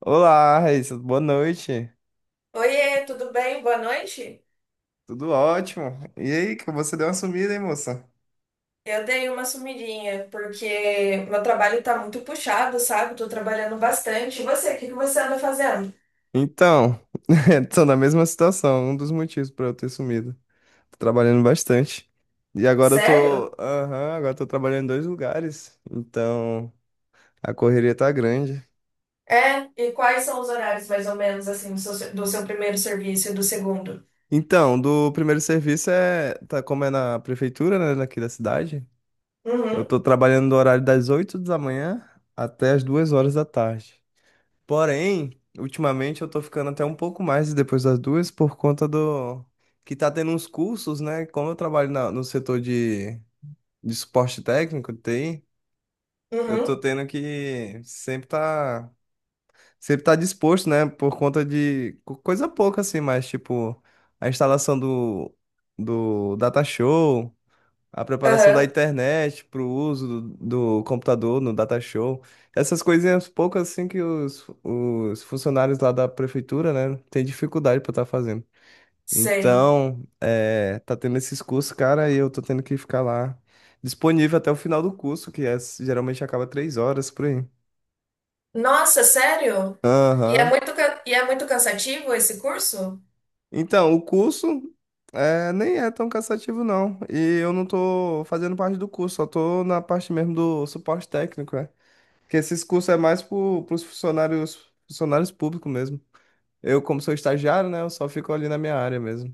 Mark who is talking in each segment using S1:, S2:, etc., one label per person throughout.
S1: Olá, Raíssa, boa noite.
S2: Oiê, tudo bem? Boa noite.
S1: Tudo ótimo. E aí, que você deu uma sumida, hein, moça?
S2: Eu dei uma sumidinha, porque meu trabalho tá muito puxado, sabe? Tô trabalhando bastante. E você, o que que você anda fazendo?
S1: Então, tô na mesma situação, um dos motivos pra eu ter sumido. Tô trabalhando bastante. E agora
S2: Sério?
S1: agora eu tô trabalhando em dois lugares, então a correria tá grande.
S2: É, e quais são os horários, mais ou menos, assim, do seu primeiro serviço e do segundo?
S1: Então, do primeiro serviço é, tá como é na prefeitura, né, daqui da cidade. Eu
S2: Uhum.
S1: tô trabalhando no horário das 8 da manhã até as 2 horas da tarde. Porém, ultimamente eu tô ficando até um pouco mais depois das duas por conta do que tá tendo uns cursos, né? Como eu trabalho no setor de suporte técnico, TI, eu tô
S2: Uhum.
S1: tendo que sempre tá disposto, né? Por conta de coisa pouca assim, mas tipo a instalação do data show, a preparação da
S2: Aham.
S1: internet para o uso do computador no data show. Essas coisinhas poucas assim que os funcionários lá da prefeitura, né, têm dificuldade para estar fazendo.
S2: Sei.
S1: Então, é, tá tendo esses cursos, cara, e eu tô tendo que ficar lá disponível até o final do curso, que é, geralmente acaba 3 horas por aí.
S2: Nossa, sério? E é
S1: Aham.
S2: e é muito cansativo esse curso?
S1: Então, o curso é, nem é tão cansativo, não. E eu não tô fazendo parte do curso, só tô na parte mesmo do suporte técnico, né? Porque esses cursos é mais para os funcionários, funcionários públicos mesmo. Eu, como sou estagiário, né, eu só fico ali na minha área mesmo.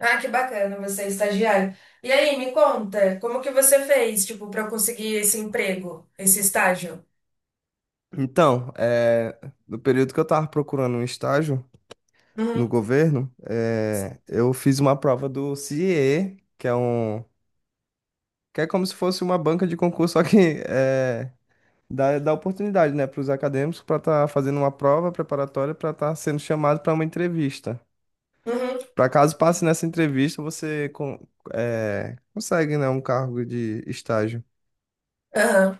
S2: Ah, que bacana, você é estagiário. E aí, me conta, como que você fez, tipo, para conseguir esse emprego, esse estágio?
S1: Então, é, no período que eu estava procurando um estágio no
S2: Uhum.
S1: governo, é, eu fiz uma prova do Ciee, que é como se fosse uma banca de concurso, só que é, dá oportunidade, né, para os acadêmicos para estar fazendo uma prova preparatória para estar sendo chamado para uma entrevista.
S2: Uhum.
S1: Para caso passe nessa entrevista, você consegue, né, um cargo de estágio.
S2: Aham.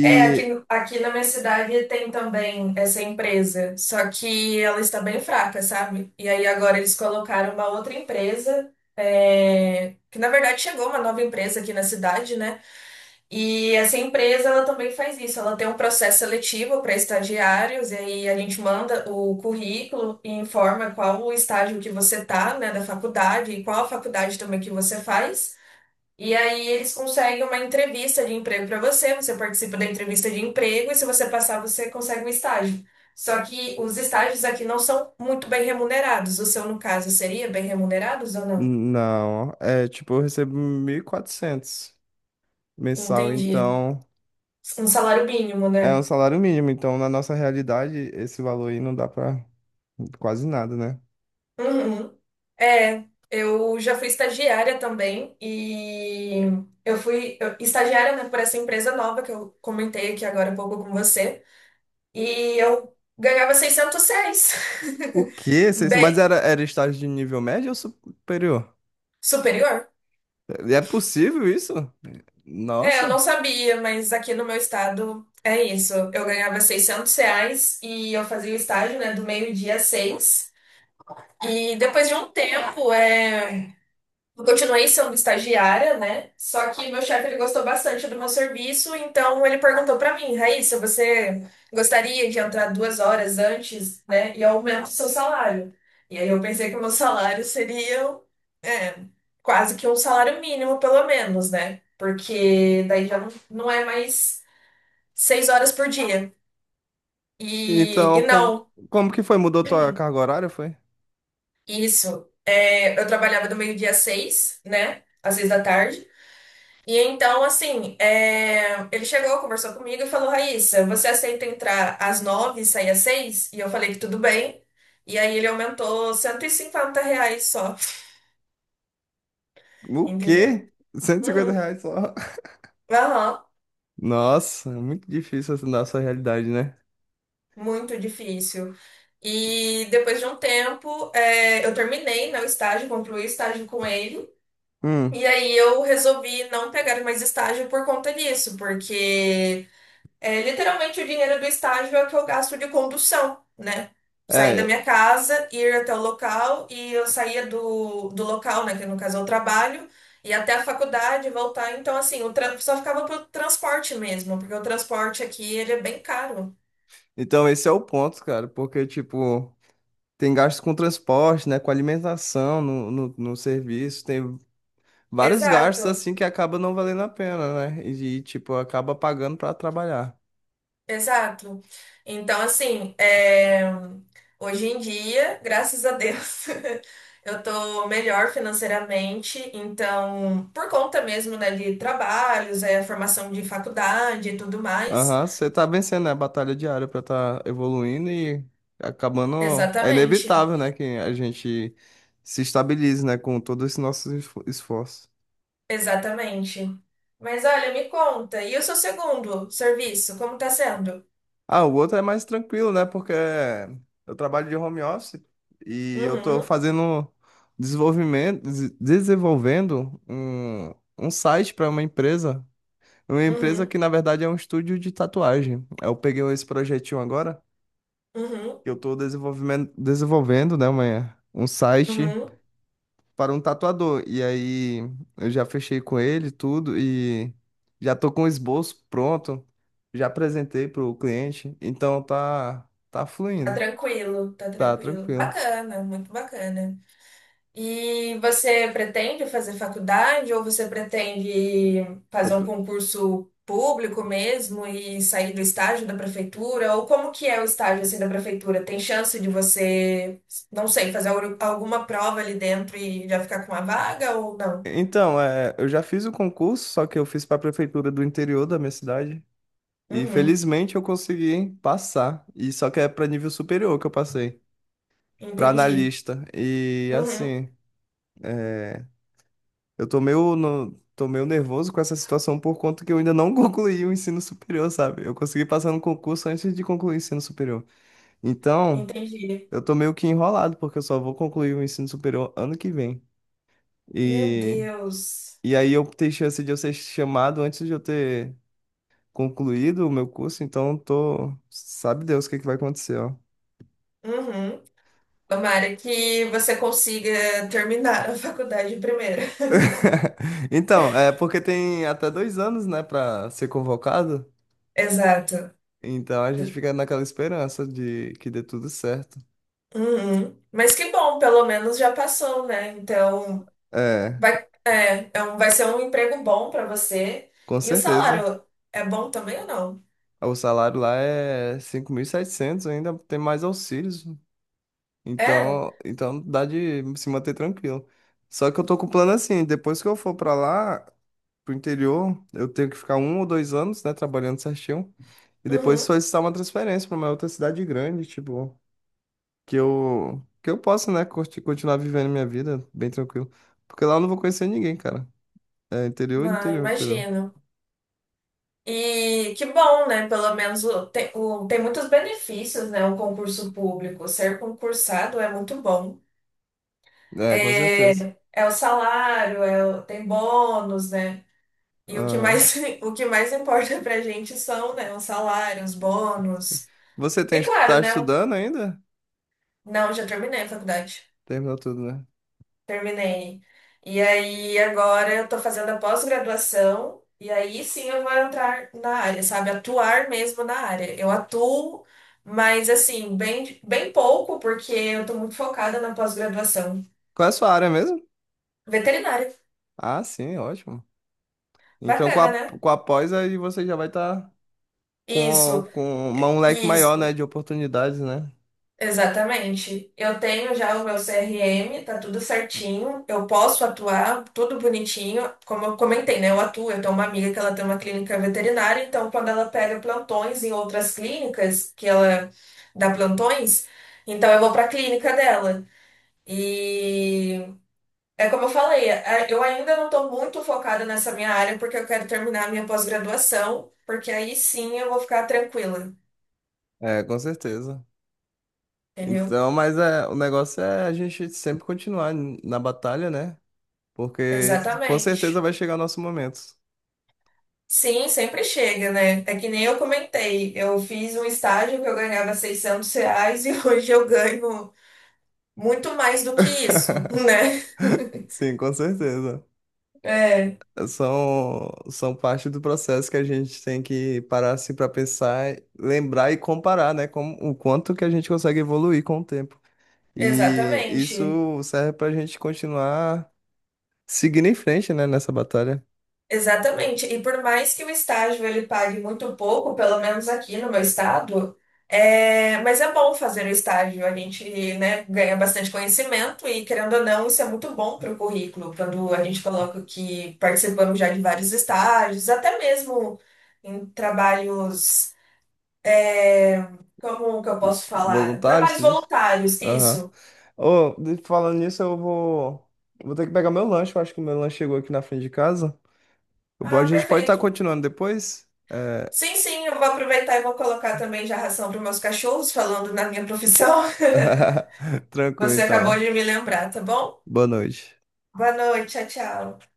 S2: É, aqui, aqui na minha cidade tem também essa empresa, só que ela está bem fraca, sabe? E aí agora eles colocaram uma outra empresa, é, que na verdade chegou uma nova empresa aqui na cidade, né? E essa empresa, ela também faz isso. Ela tem um processo seletivo para estagiários, e aí a gente manda o currículo e informa qual o estágio que você tá, né, da faculdade e qual a faculdade também que você faz. E aí eles conseguem uma entrevista de emprego para você, você participa da entrevista de emprego e se você passar, você consegue um estágio. Só que os estágios aqui não são muito bem remunerados. O seu, no caso, seria bem remunerados ou não?
S1: não, é tipo, eu recebo 1.400 mensal,
S2: Entendi.
S1: então
S2: Um salário mínimo,
S1: é um
S2: né?
S1: salário mínimo. Então, na nossa realidade, esse valor aí não dá para quase nada, né?
S2: Uhum. É, eu já fui estagiária também e eu fui estagiária, né, por essa empresa nova que eu comentei aqui agora há pouco com você. E eu ganhava 606.
S1: O quê? Mas
S2: Bem,
S1: era estágio de nível médio ou superior?
S2: superior?
S1: É possível isso?
S2: É, eu
S1: Nossa.
S2: não sabia, mas aqui no meu estado é isso. Eu ganhava R$ 600 e eu fazia o estágio, né, do meio-dia às seis. E depois de um tempo, eu continuei sendo estagiária, né? Só que meu chefe ele gostou bastante do meu serviço, então ele perguntou pra mim: Raíssa, você gostaria de entrar 2 horas antes, né? E aumenta o seu salário. E aí eu pensei que o meu salário seria, é, quase que um salário mínimo, pelo menos, né? Porque daí já não é mais 6 horas por dia.
S1: Então,
S2: E não,
S1: como que foi? Mudou tua carga horária, foi?
S2: isso. É, eu trabalhava do meio-dia às seis, né? Às seis da tarde. E então, assim, é, ele chegou, conversou comigo e falou: Raíssa, você aceita entrar às nove e sair às seis? E eu falei que tudo bem. E aí ele aumentou R$ 150 só,
S1: O
S2: entendeu?
S1: quê? R$ 150
S2: Uhum.
S1: reais só.
S2: Aham.
S1: Nossa, é muito difícil essa nossa realidade, né?
S2: Muito difícil. E depois de um tempo, é, eu terminei, né, o estágio, concluí o estágio com ele.
S1: Hum,
S2: E aí eu resolvi não pegar mais estágio por conta disso, porque é, literalmente o dinheiro do estágio é o que eu gasto de condução, né? Sair da
S1: é,
S2: minha casa, ir até o local e eu saía do local, né? Que no caso é o trabalho, e até a faculdade voltar. Então, assim, só ficava pro transporte mesmo, porque o transporte aqui ele é bem caro.
S1: então esse é o ponto, cara, porque, tipo, tem gastos com transporte, né, com alimentação no serviço, tem vários gastos,
S2: Exato.
S1: assim, que acaba não valendo a pena, né? E, tipo, acaba pagando pra trabalhar.
S2: Exato. Então, assim, é, hoje em dia, graças a Deus, eu tô melhor financeiramente. Então, por conta mesmo, né, de trabalhos, é, formação de faculdade e tudo mais.
S1: Aham, você tá vencendo, né, a batalha diária pra tá evoluindo e acabando. É
S2: Exatamente,
S1: inevitável, né, que a gente se estabilize, né, com todo esse nosso esforço.
S2: exatamente. Mas olha, me conta, e o seu segundo serviço, como tá sendo?
S1: Ah, o outro é mais tranquilo, né? Porque eu trabalho de home office e eu tô
S2: Uhum.
S1: fazendo desenvolvendo um site para uma empresa. Uma empresa
S2: Uhum.
S1: que, na verdade, é um estúdio de tatuagem. Eu peguei esse projetinho agora,
S2: Uhum.
S1: que eu tô desenvolvendo, né, um site
S2: Uhum.
S1: para um tatuador. E aí eu já fechei com ele tudo e já tô com o esboço pronto, já apresentei pro cliente, então tá
S2: Tá
S1: fluindo,
S2: tranquilo, tá
S1: tá
S2: tranquilo.
S1: tranquilo.
S2: Bacana, muito bacana. E você pretende fazer faculdade ou você pretende
S1: Eu
S2: fazer um
S1: pre-
S2: concurso público mesmo e sair do estágio da prefeitura? Ou como que é o estágio assim da prefeitura? Tem chance de você, não sei, fazer alguma prova ali dentro e já ficar com uma vaga ou não?
S1: então, é, eu já fiz o concurso, só que eu fiz para a prefeitura do interior da minha cidade e
S2: Uhum,
S1: felizmente eu consegui passar. E só que é para nível superior que eu passei, para
S2: entendi.
S1: analista. E
S2: Uhum,
S1: assim, é, eu tô meio nervoso com essa situação por conta que eu ainda não concluí o ensino superior, sabe? Eu consegui passar no concurso antes de concluir o ensino superior. Então,
S2: entendi.
S1: eu tô meio que enrolado, porque eu só vou concluir o ensino superior ano que vem.
S2: Meu
S1: E,
S2: Deus.
S1: e aí eu tenho chance de eu ser chamado antes de eu ter concluído o meu curso, então eu tô. Sabe Deus o que é que vai acontecer, ó.
S2: Uhum. Tomara que você consiga terminar a faculdade primeiro.
S1: Então, é porque tem até 2 anos, né, pra ser convocado.
S2: Exato.
S1: Então a gente fica naquela esperança de que dê tudo certo.
S2: Uhum. Mas que bom, pelo menos já passou, né? Então
S1: É,
S2: vai, é, é um, vai ser um emprego bom pra você.
S1: com
S2: E o
S1: certeza.
S2: salário é bom também ou não?
S1: O salário lá é 5.700, ainda tem mais auxílios.
S2: É?
S1: Então, então dá de se manter tranquilo. Só que eu tô com o plano assim, depois que eu for pra lá, pro interior, eu tenho que ficar 1 ou 2 anos, né, trabalhando certinho. E depois
S2: Uhum.
S1: solicitar uma transferência pra uma outra cidade grande, tipo, que eu possa, né, continuar vivendo minha vida bem tranquilo. Porque lá eu não vou conhecer ninguém, cara. É interior,
S2: Não,
S1: interior, interior.
S2: imagino. E que bom, né? Pelo menos tem, tem muitos benefícios, né? O concurso público. Ser concursado é muito bom.
S1: É, com
S2: É,
S1: certeza.
S2: é o salário, é tem bônus, né? E o que
S1: Aham.
S2: mais, o que mais importa pra gente são, né, os salários,
S1: Sim.
S2: bônus.
S1: Você tem,
S2: E
S1: tá
S2: claro, né?
S1: estudando ainda?
S2: Não, já terminei a faculdade.
S1: Terminou tudo, né?
S2: Terminei. E aí, agora eu tô fazendo a pós-graduação, e aí sim eu vou entrar na área, sabe? Atuar mesmo na área. Eu atuo, mas assim, bem, bem pouco, porque eu tô muito focada na pós-graduação.
S1: Qual é a sua área mesmo?
S2: Veterinária.
S1: Ah, sim, ótimo. Então,
S2: Bacana, né?
S1: com a pós, aí você já vai estar
S2: Isso,
S1: com um leque maior,
S2: isso.
S1: né, de oportunidades, né?
S2: Exatamente. Eu tenho já o meu CRM, tá tudo certinho. Eu posso atuar, tudo bonitinho. Como eu comentei, né? Eu atuo, eu tenho uma amiga que ela tem uma clínica veterinária, então quando ela pega plantões em outras clínicas, que ela dá plantões, então eu vou para a clínica dela. E é como eu falei, eu ainda não estou muito focada nessa minha área porque eu quero terminar a minha pós-graduação, porque aí sim eu vou ficar tranquila,
S1: É, com certeza.
S2: entendeu?
S1: Então, mas é, o negócio é a gente sempre continuar na batalha, né? Porque com certeza
S2: Exatamente.
S1: vai chegar o nosso momento.
S2: Sim, sempre chega, né? É que nem eu comentei. Eu fiz um estágio que eu ganhava 600 reais e hoje eu ganho muito mais do que isso, né?
S1: Sim, com certeza.
S2: É,
S1: São parte do processo que a gente tem que parar assim para pensar, lembrar e comparar, né? Com o quanto que a gente consegue evoluir com o tempo. E isso
S2: exatamente.
S1: serve para a gente continuar seguindo em frente, né? Nessa batalha.
S2: Exatamente. E por mais que o estágio ele pague muito pouco, pelo menos aqui no meu estado, é... mas é bom fazer o estágio. A gente, né, ganha bastante conhecimento e, querendo ou não, isso é muito bom para o currículo, quando a gente coloca que participamos já de vários estágios, até mesmo em trabalhos, como que eu posso falar?
S1: Voluntários,
S2: Trabalhos
S1: tu disse?
S2: voluntários,
S1: Aham.
S2: isso.
S1: Ô, falando nisso, eu vou ter que pegar meu lanche. Eu acho que meu lanche chegou aqui na frente de casa. Bom, a
S2: Ah,
S1: gente pode estar
S2: perfeito.
S1: continuando depois? É...
S2: Sim, sim, eu vou aproveitar e vou colocar também já ração para meus cachorros, falando na minha profissão.
S1: Tranquilo,
S2: Você acabou
S1: então.
S2: de me lembrar, tá bom?
S1: Boa noite.
S2: Boa noite, tchau, tchau.